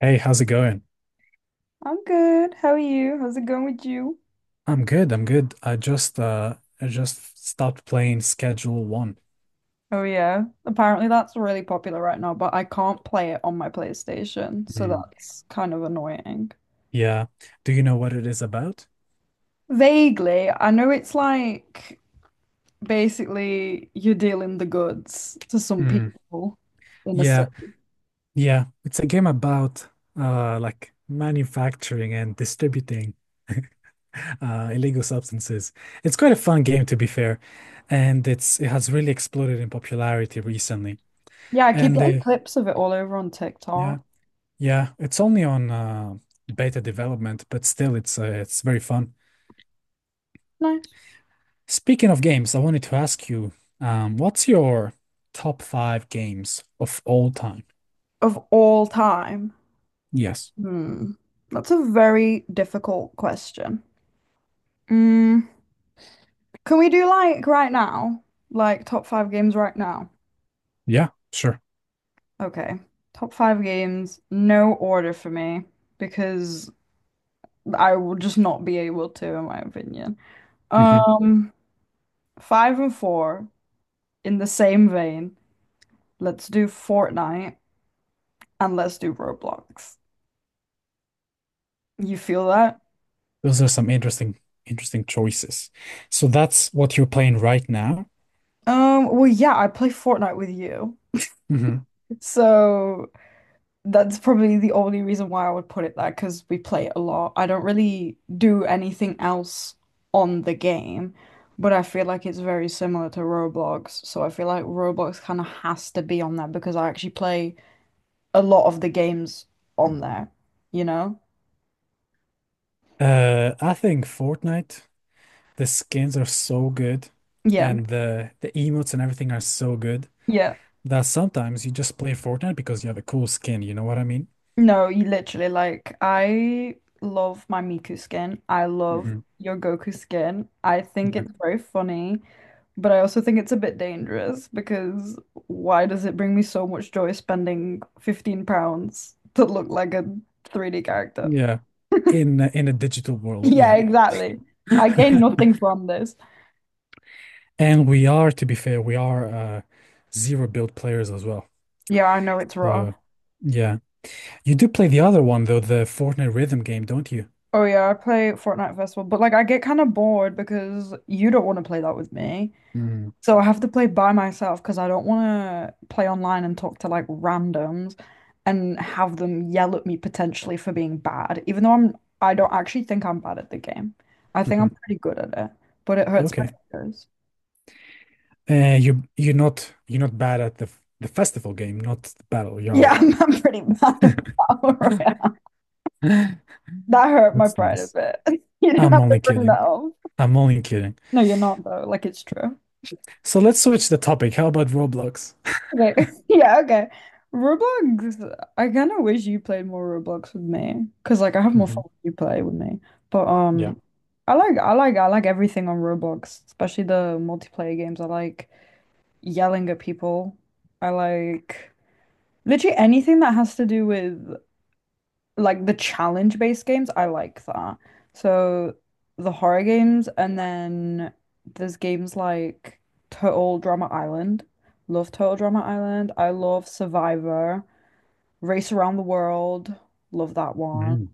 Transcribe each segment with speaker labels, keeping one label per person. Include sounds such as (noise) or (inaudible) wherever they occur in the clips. Speaker 1: Hey, how's it going?
Speaker 2: I'm good. How are you? How's it going with you?
Speaker 1: I'm good. I'm good. I just stopped playing Schedule One.
Speaker 2: Oh yeah. Apparently that's really popular right now, but I can't play it on my PlayStation, so
Speaker 1: Hmm.
Speaker 2: that's kind of annoying.
Speaker 1: Yeah. Do you know what it is about?
Speaker 2: Vaguely, I know it's like basically you're dealing the goods to some
Speaker 1: Hmm.
Speaker 2: people in the
Speaker 1: Yeah.
Speaker 2: city.
Speaker 1: Yeah. It's a game about like manufacturing and distributing illegal substances. It's quite a fun game to be fair, and it has really exploded in popularity recently.
Speaker 2: Yeah, I keep
Speaker 1: And
Speaker 2: getting clips of it all over on
Speaker 1: yeah,
Speaker 2: TikTok.
Speaker 1: yeah, it's only on beta development, but still it's very fun.
Speaker 2: Nice.
Speaker 1: Speaking of games, I wanted to ask you, what's your top five games of all time?
Speaker 2: Of all time.
Speaker 1: Yes.
Speaker 2: Hmm. That's a very difficult question. Mm. Can we do like right now? Like top five games right now?
Speaker 1: Yeah, sure.
Speaker 2: Okay. Top five games, no order for me because I will just not be able to, in my opinion.
Speaker 1: Hmm.
Speaker 2: Um, Five and four in the same vein. Let's do Fortnite and let's do Roblox. You feel that?
Speaker 1: Those are some interesting, interesting choices. So that's what you're playing right now.
Speaker 2: Well, yeah, I play Fortnite with you.
Speaker 1: Hmm.
Speaker 2: So that's probably the only reason why I would put it there because we play it a lot. I don't really do anything else on the game, but I feel like it's very similar to Roblox. So I feel like Roblox kind of has to be on there because I actually play a lot of the games on there, you know?
Speaker 1: I think Fortnite, the skins are so good,
Speaker 2: Yeah.
Speaker 1: and the emotes and everything are so good
Speaker 2: Yeah.
Speaker 1: that sometimes you just play Fortnite because you have a cool skin. You know what I mean?
Speaker 2: No, you literally like I love my Miku skin. I love
Speaker 1: Hmm.
Speaker 2: your Goku skin. I think
Speaker 1: Yeah.
Speaker 2: it's very funny. But I also think it's a bit dangerous because why does it bring me so much joy spending £15 to look like a 3D character? (laughs)
Speaker 1: Yeah. In a digital world,
Speaker 2: Yeah,
Speaker 1: yeah.
Speaker 2: exactly. I gain
Speaker 1: (laughs)
Speaker 2: nothing from this.
Speaker 1: And we are, to be fair, we are zero build players as well.
Speaker 2: Yeah, I know it's rough.
Speaker 1: So, yeah. You do play the other one though, the Fortnite rhythm game, don't you?
Speaker 2: Oh yeah, I play Fortnite Festival, but like I get kind of bored because you don't want to play that with me.
Speaker 1: Mm.
Speaker 2: So I have to play by myself because I don't want to play online and talk to like randoms and have them yell at me potentially for being bad, even though I don't actually think I'm bad at the game. I think I'm
Speaker 1: Mhm.
Speaker 2: pretty good at it, but it hurts my
Speaker 1: Okay.
Speaker 2: fingers. (laughs)
Speaker 1: You're not you're not bad at the festival game, not the battle.
Speaker 2: Yeah,
Speaker 1: You're
Speaker 2: I'm pretty (laughs) bad at Battle
Speaker 1: (laughs)
Speaker 2: Royale.
Speaker 1: that's
Speaker 2: That hurt my pride a
Speaker 1: nice.
Speaker 2: bit. (laughs) You didn't
Speaker 1: I'm
Speaker 2: have to
Speaker 1: only
Speaker 2: bring that
Speaker 1: kidding.
Speaker 2: up.
Speaker 1: I'm only kidding.
Speaker 2: No, you're not though. Like it's true.
Speaker 1: So let's switch the topic. How about Roblox?
Speaker 2: Okay. (laughs) Yeah, okay. Roblox, I kind of wish you played more Roblox with me, cause like I have more
Speaker 1: Hmm.
Speaker 2: fun when you play with me. But
Speaker 1: Yeah.
Speaker 2: I like I like everything on Roblox, especially the multiplayer games. I like yelling at people. I like literally anything that has to do with like the challenge based games, I like that. So the horror games, and then there's games like Total Drama Island. Love Total Drama Island. I love Survivor. Race Around the World. Love that one.
Speaker 1: Mm.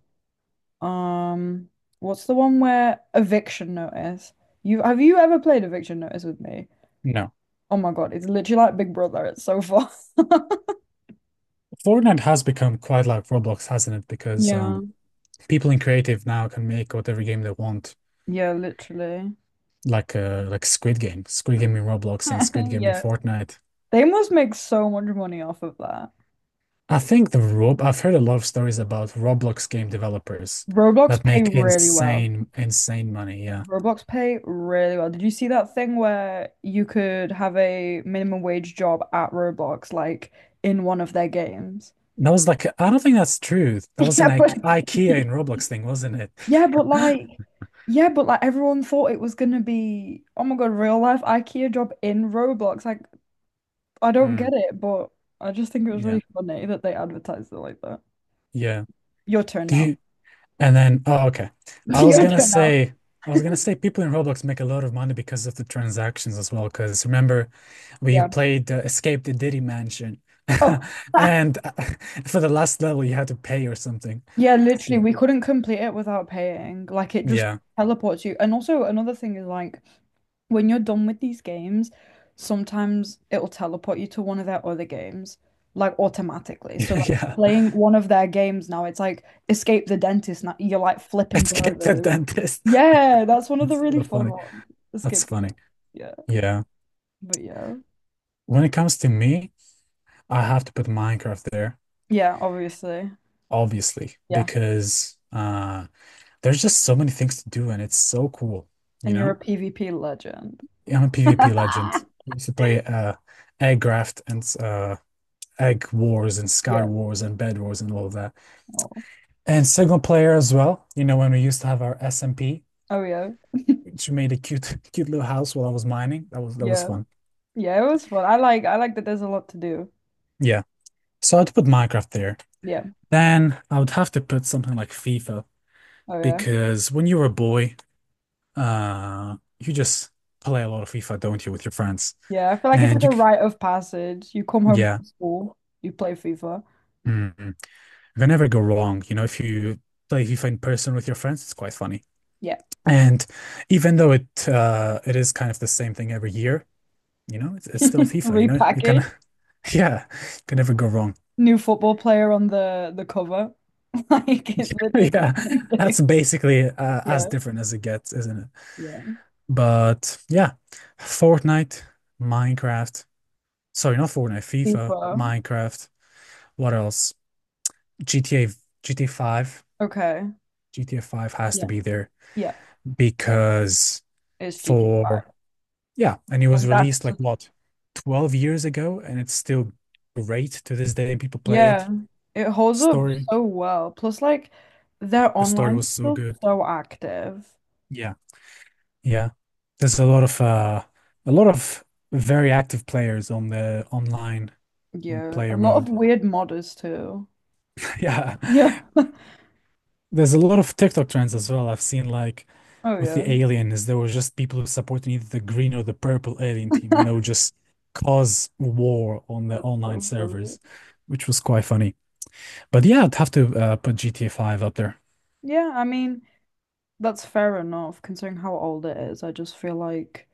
Speaker 2: Um, what's the one where Eviction Notice? You ever played Eviction Notice with me?
Speaker 1: No.
Speaker 2: Oh my God, it's literally like Big Brother. It's so fun. (laughs)
Speaker 1: Fortnite has become quite like Roblox, hasn't it? Because
Speaker 2: Yeah.
Speaker 1: people in creative now can make whatever game they want.
Speaker 2: Yeah, literally.
Speaker 1: Like Squid Game, Squid Game in Roblox and
Speaker 2: (laughs)
Speaker 1: Squid Game in
Speaker 2: Yeah.
Speaker 1: Fortnite.
Speaker 2: They must make so much money off of that.
Speaker 1: I think the Rob I've heard a lot of stories about Roblox game developers
Speaker 2: Roblox
Speaker 1: that
Speaker 2: pay
Speaker 1: make
Speaker 2: really well.
Speaker 1: insane insane money. Yeah.
Speaker 2: Roblox pay really well. Did you see that thing where you could have a minimum wage job at Roblox, like in one of their games?
Speaker 1: That was like I don't think that's true. That
Speaker 2: (laughs)
Speaker 1: was
Speaker 2: Yeah,
Speaker 1: an
Speaker 2: but
Speaker 1: IKEA in Roblox thing, wasn't it?
Speaker 2: Yeah, but
Speaker 1: (laughs)
Speaker 2: like, yeah, but like everyone thought it was gonna be, oh my God, real life IKEA job in Roblox. Like, I don't
Speaker 1: Mm,
Speaker 2: get it, but I just think it was
Speaker 1: yeah.
Speaker 2: really funny that they advertised it like that.
Speaker 1: Yeah.
Speaker 2: Your turn
Speaker 1: Do
Speaker 2: now.
Speaker 1: you And then, oh, okay.
Speaker 2: (laughs)
Speaker 1: I was
Speaker 2: Your
Speaker 1: gonna
Speaker 2: turn now.
Speaker 1: say, I was gonna say people in Roblox make a lot of money because of the transactions as well. Because remember, we
Speaker 2: Yeah.
Speaker 1: played Escape the Diddy Mansion,
Speaker 2: Oh.
Speaker 1: (laughs)
Speaker 2: (laughs)
Speaker 1: and (laughs) for the last level, you had to pay or something.
Speaker 2: Yeah, literally,
Speaker 1: So
Speaker 2: we couldn't complete it without paying. Like, it just
Speaker 1: yeah,
Speaker 2: teleports you. And also, another thing is like when you're done with these games, sometimes it'll teleport you to one of their other games, like automatically. So, like,
Speaker 1: (laughs)
Speaker 2: you're
Speaker 1: yeah.
Speaker 2: playing one of their games now, it's like Escape the Dentist. Now you're like flipping
Speaker 1: Escape the
Speaker 2: burgers.
Speaker 1: dentist.
Speaker 2: Yeah,
Speaker 1: (laughs)
Speaker 2: that's one of the
Speaker 1: That's
Speaker 2: really
Speaker 1: so
Speaker 2: fun
Speaker 1: funny.
Speaker 2: ones.
Speaker 1: That's
Speaker 2: Escape the
Speaker 1: funny.
Speaker 2: Dentist. Yeah,
Speaker 1: Yeah.
Speaker 2: but yeah,
Speaker 1: When it comes to me, I have to put Minecraft there,
Speaker 2: yeah, obviously,
Speaker 1: obviously,
Speaker 2: yeah.
Speaker 1: because there's just so many things to do, and it's so cool. You
Speaker 2: And you're a
Speaker 1: know.
Speaker 2: PvP legend.
Speaker 1: I'm a PvP legend.
Speaker 2: (laughs)
Speaker 1: I used to play Aggraft and Egg Wars and Sky
Speaker 2: Yeah.
Speaker 1: Wars and Bed Wars and all of that.
Speaker 2: Oh,
Speaker 1: And single player as well. You know, when we used to have our SMP,
Speaker 2: oh yeah.
Speaker 1: which made a cute, (laughs) cute little house while I was mining. That was
Speaker 2: Yeah.
Speaker 1: fun.
Speaker 2: Yeah, it was fun. I like that there's a lot to do.
Speaker 1: Yeah. So I'd put Minecraft there.
Speaker 2: Yeah.
Speaker 1: Then I would have to put something like FIFA
Speaker 2: Oh yeah.
Speaker 1: because when you were a boy, you just play a lot of FIFA, don't you, with your friends?
Speaker 2: Yeah, I feel like it's like
Speaker 1: And
Speaker 2: a
Speaker 1: you, c-
Speaker 2: rite of passage. You come home
Speaker 1: yeah.
Speaker 2: from school, you play FIFA.
Speaker 1: Mm. They never go wrong. You know, if you play FIFA in person with your friends, it's quite funny.
Speaker 2: Yeah.
Speaker 1: And even though it is kind of the same thing every year, you know, it's still
Speaker 2: (laughs)
Speaker 1: FIFA. You know, you can
Speaker 2: Repackage,
Speaker 1: (laughs) yeah, you can never go wrong. (laughs)
Speaker 2: new football player on the cover. (laughs) Like it's literally the
Speaker 1: Yeah,
Speaker 2: same
Speaker 1: that's
Speaker 2: thing. (laughs)
Speaker 1: basically as
Speaker 2: Yeah.
Speaker 1: different as it gets, isn't it?
Speaker 2: Yeah.
Speaker 1: But yeah, Fortnite, Minecraft. Sorry, not Fortnite, FIFA,
Speaker 2: FIFA.
Speaker 1: Minecraft. What else? GTA, GTA 5.
Speaker 2: Okay.
Speaker 1: GTA 5 has to
Speaker 2: Yeah.
Speaker 1: be there
Speaker 2: Yeah.
Speaker 1: because
Speaker 2: It's GTA 5.
Speaker 1: for yeah, and it was
Speaker 2: Like
Speaker 1: released
Speaker 2: that's
Speaker 1: like
Speaker 2: just
Speaker 1: what, 12 years ago, and it's still great to this day. People play
Speaker 2: yeah.
Speaker 1: it.
Speaker 2: It holds up
Speaker 1: Story,
Speaker 2: so well. Plus like their
Speaker 1: the story
Speaker 2: online is
Speaker 1: was so
Speaker 2: still
Speaker 1: good.
Speaker 2: so active.
Speaker 1: Yeah, yeah. There's a lot of a lot of very active players on the online
Speaker 2: Yeah. A
Speaker 1: player
Speaker 2: lot of
Speaker 1: mode.
Speaker 2: weird modders too.
Speaker 1: (laughs) Yeah.
Speaker 2: (laughs) Yeah.
Speaker 1: There's a lot of TikTok trends as well. I've seen like
Speaker 2: Oh
Speaker 1: with
Speaker 2: yeah.
Speaker 1: the aliens, there were just people who supported either the green or the purple alien team, and
Speaker 2: (laughs)
Speaker 1: they would just cause war on the
Speaker 2: That's
Speaker 1: online
Speaker 2: so funny.
Speaker 1: servers, which was quite funny. But yeah, I'd have to put GTA 5 up there.
Speaker 2: Yeah, I mean, that's fair enough considering how old it is. I just feel like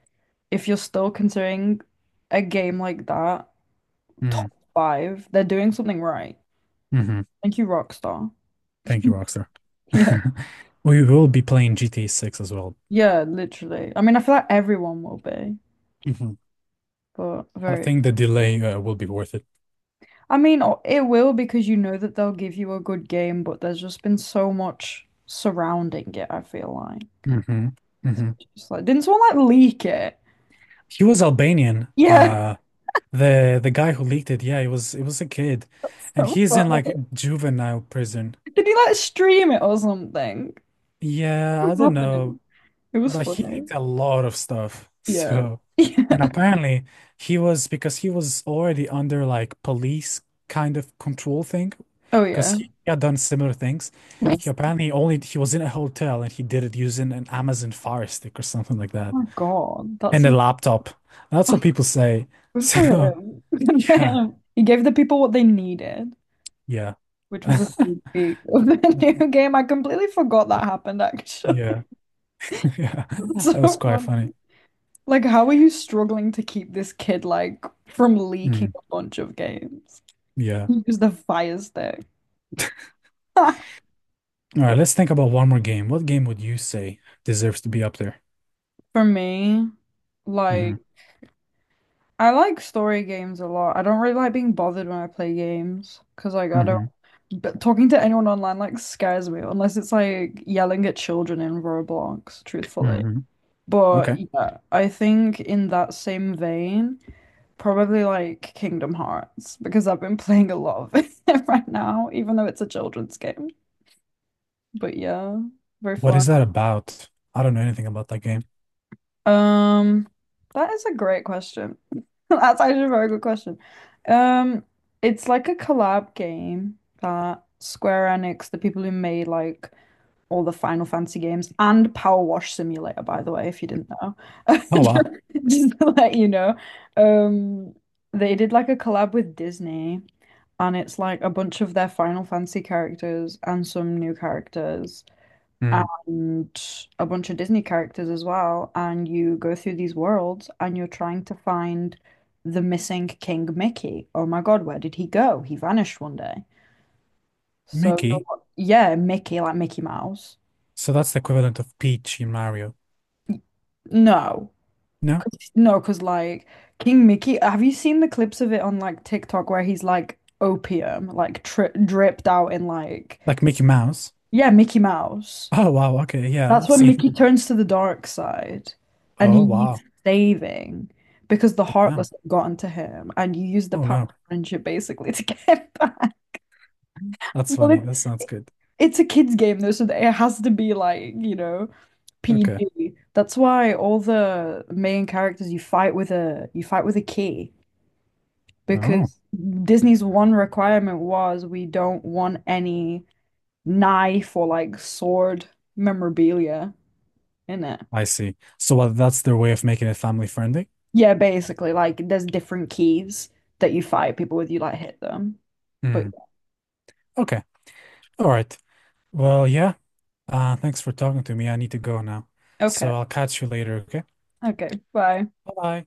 Speaker 2: if you're still considering a game like that top
Speaker 1: Mm,
Speaker 2: five, they're doing something right.
Speaker 1: hmm.
Speaker 2: Thank you, Rockstar. (laughs)
Speaker 1: Thank you, Rockstar.
Speaker 2: Yeah.
Speaker 1: (laughs) We will be playing GTA 6 as well.
Speaker 2: Yeah, literally. I mean, I feel like everyone will be,
Speaker 1: Mhm.
Speaker 2: but
Speaker 1: I
Speaker 2: very.
Speaker 1: think the delay will be worth it.
Speaker 2: I mean, it will because you know that they'll give you a good game, but there's just been so much surrounding it, I feel like.
Speaker 1: Hmm.
Speaker 2: So
Speaker 1: Hmm.
Speaker 2: it's just like, didn't someone like leak it?
Speaker 1: He was Albanian.
Speaker 2: Yeah,
Speaker 1: The guy who leaked it, yeah, it was a kid,
Speaker 2: (laughs)
Speaker 1: and
Speaker 2: so
Speaker 1: he's in like
Speaker 2: funny.
Speaker 1: juvenile prison.
Speaker 2: Did he like stream it or something? What
Speaker 1: Yeah,
Speaker 2: was
Speaker 1: I don't know,
Speaker 2: happening? It was
Speaker 1: but he
Speaker 2: funny.
Speaker 1: leaked a lot of stuff. (laughs)
Speaker 2: Yeah.
Speaker 1: So,
Speaker 2: (laughs)
Speaker 1: and
Speaker 2: Yeah.
Speaker 1: apparently he was because he was already under like police kind of control thing,
Speaker 2: Oh
Speaker 1: because
Speaker 2: yeah.
Speaker 1: he had done similar things. He
Speaker 2: Nice.
Speaker 1: apparently only he was in a hotel and he did it using an Amazon Fire Stick or something like
Speaker 2: Oh
Speaker 1: that
Speaker 2: my God.
Speaker 1: and a laptop. That's
Speaker 2: Oh,
Speaker 1: what people say.
Speaker 2: (laughs)
Speaker 1: (laughs)
Speaker 2: good for
Speaker 1: So
Speaker 2: him. (laughs) Good for
Speaker 1: yeah,
Speaker 2: him. He gave the people what they needed,
Speaker 1: yeah,
Speaker 2: which
Speaker 1: (laughs) yeah,
Speaker 2: was a sneak peek of the (laughs) new game. I completely forgot that happened
Speaker 1: (laughs)
Speaker 2: actually.
Speaker 1: yeah.
Speaker 2: (laughs) It's
Speaker 1: That was
Speaker 2: so
Speaker 1: quite
Speaker 2: fun.
Speaker 1: funny.
Speaker 2: Like, how are you struggling to keep this kid like from leaking
Speaker 1: Mm,
Speaker 2: a bunch of games?
Speaker 1: yeah.
Speaker 2: Use the fire stick.
Speaker 1: All right, let's
Speaker 2: (laughs)
Speaker 1: think about one more game. What game would you say deserves to be up there?
Speaker 2: For me,
Speaker 1: Hmm.
Speaker 2: like I like story games a lot. I don't really like being bothered when I play games because, like, I don't.
Speaker 1: Hmm.
Speaker 2: But talking to anyone online like scares me unless it's like yelling at children in Roblox, truthfully.
Speaker 1: Hmm.
Speaker 2: But
Speaker 1: Okay.
Speaker 2: yeah, I think in that same vein, probably like Kingdom Hearts because I've been (laughs) playing a lot of it (laughs) right now, even though it's a children's game. But yeah, very
Speaker 1: What
Speaker 2: fun.
Speaker 1: is that about? I don't know anything about that game.
Speaker 2: Um, that is a great question. (laughs) That's actually a very good question. Um, it's like a collab game that Square Enix, the people who made like all the Final Fantasy games and Power Wash Simulator, by the way, if you didn't know, (laughs) just,
Speaker 1: Oh wow.
Speaker 2: just to let you know, um, they did like a collab with Disney, and it's like a bunch of their Final Fantasy characters and some new characters
Speaker 1: Mm.
Speaker 2: and a bunch of Disney characters as well. And you go through these worlds and you're trying to find the missing King Mickey. Oh my God, where did he go? He vanished one day. So
Speaker 1: Mickey.
Speaker 2: you're, yeah, Mickey, like Mickey Mouse.
Speaker 1: So that's the equivalent of Peach in Mario.
Speaker 2: No.
Speaker 1: No?
Speaker 2: No, because like King Mickey, have you seen the clips of it on like TikTok where he's like opium, like tri dripped out in like,
Speaker 1: Like Mickey Mouse.
Speaker 2: yeah, Mickey Mouse.
Speaker 1: Oh wow, okay, yeah,
Speaker 2: That's
Speaker 1: I've
Speaker 2: when
Speaker 1: seen.
Speaker 2: Mickey turns to the dark side and
Speaker 1: Oh
Speaker 2: he needs
Speaker 1: wow.
Speaker 2: saving because the Heartless
Speaker 1: Damn.
Speaker 2: have gotten to him and you use the
Speaker 1: Oh
Speaker 2: power of
Speaker 1: no.
Speaker 2: friendship basically to (laughs) get him back.
Speaker 1: That's
Speaker 2: Well,
Speaker 1: funny.
Speaker 2: it,
Speaker 1: That sounds good.
Speaker 2: it's a kid's game though, so it has to be like, you know,
Speaker 1: Okay.
Speaker 2: PG. That's why all the main characters you fight with a key
Speaker 1: Oh,
Speaker 2: because Disney's one requirement was we don't want any knife or like sword memorabilia in it.
Speaker 1: I see. So what, that's their way of making it family friendly?
Speaker 2: Yeah, basically, like there's different keys that you fight people with. You like hit them. But
Speaker 1: Hmm. Okay. All right. Well, yeah. Thanks for talking to me. I need to go now.
Speaker 2: okay,
Speaker 1: So I'll catch you later, okay?
Speaker 2: okay, bye.
Speaker 1: Bye-bye.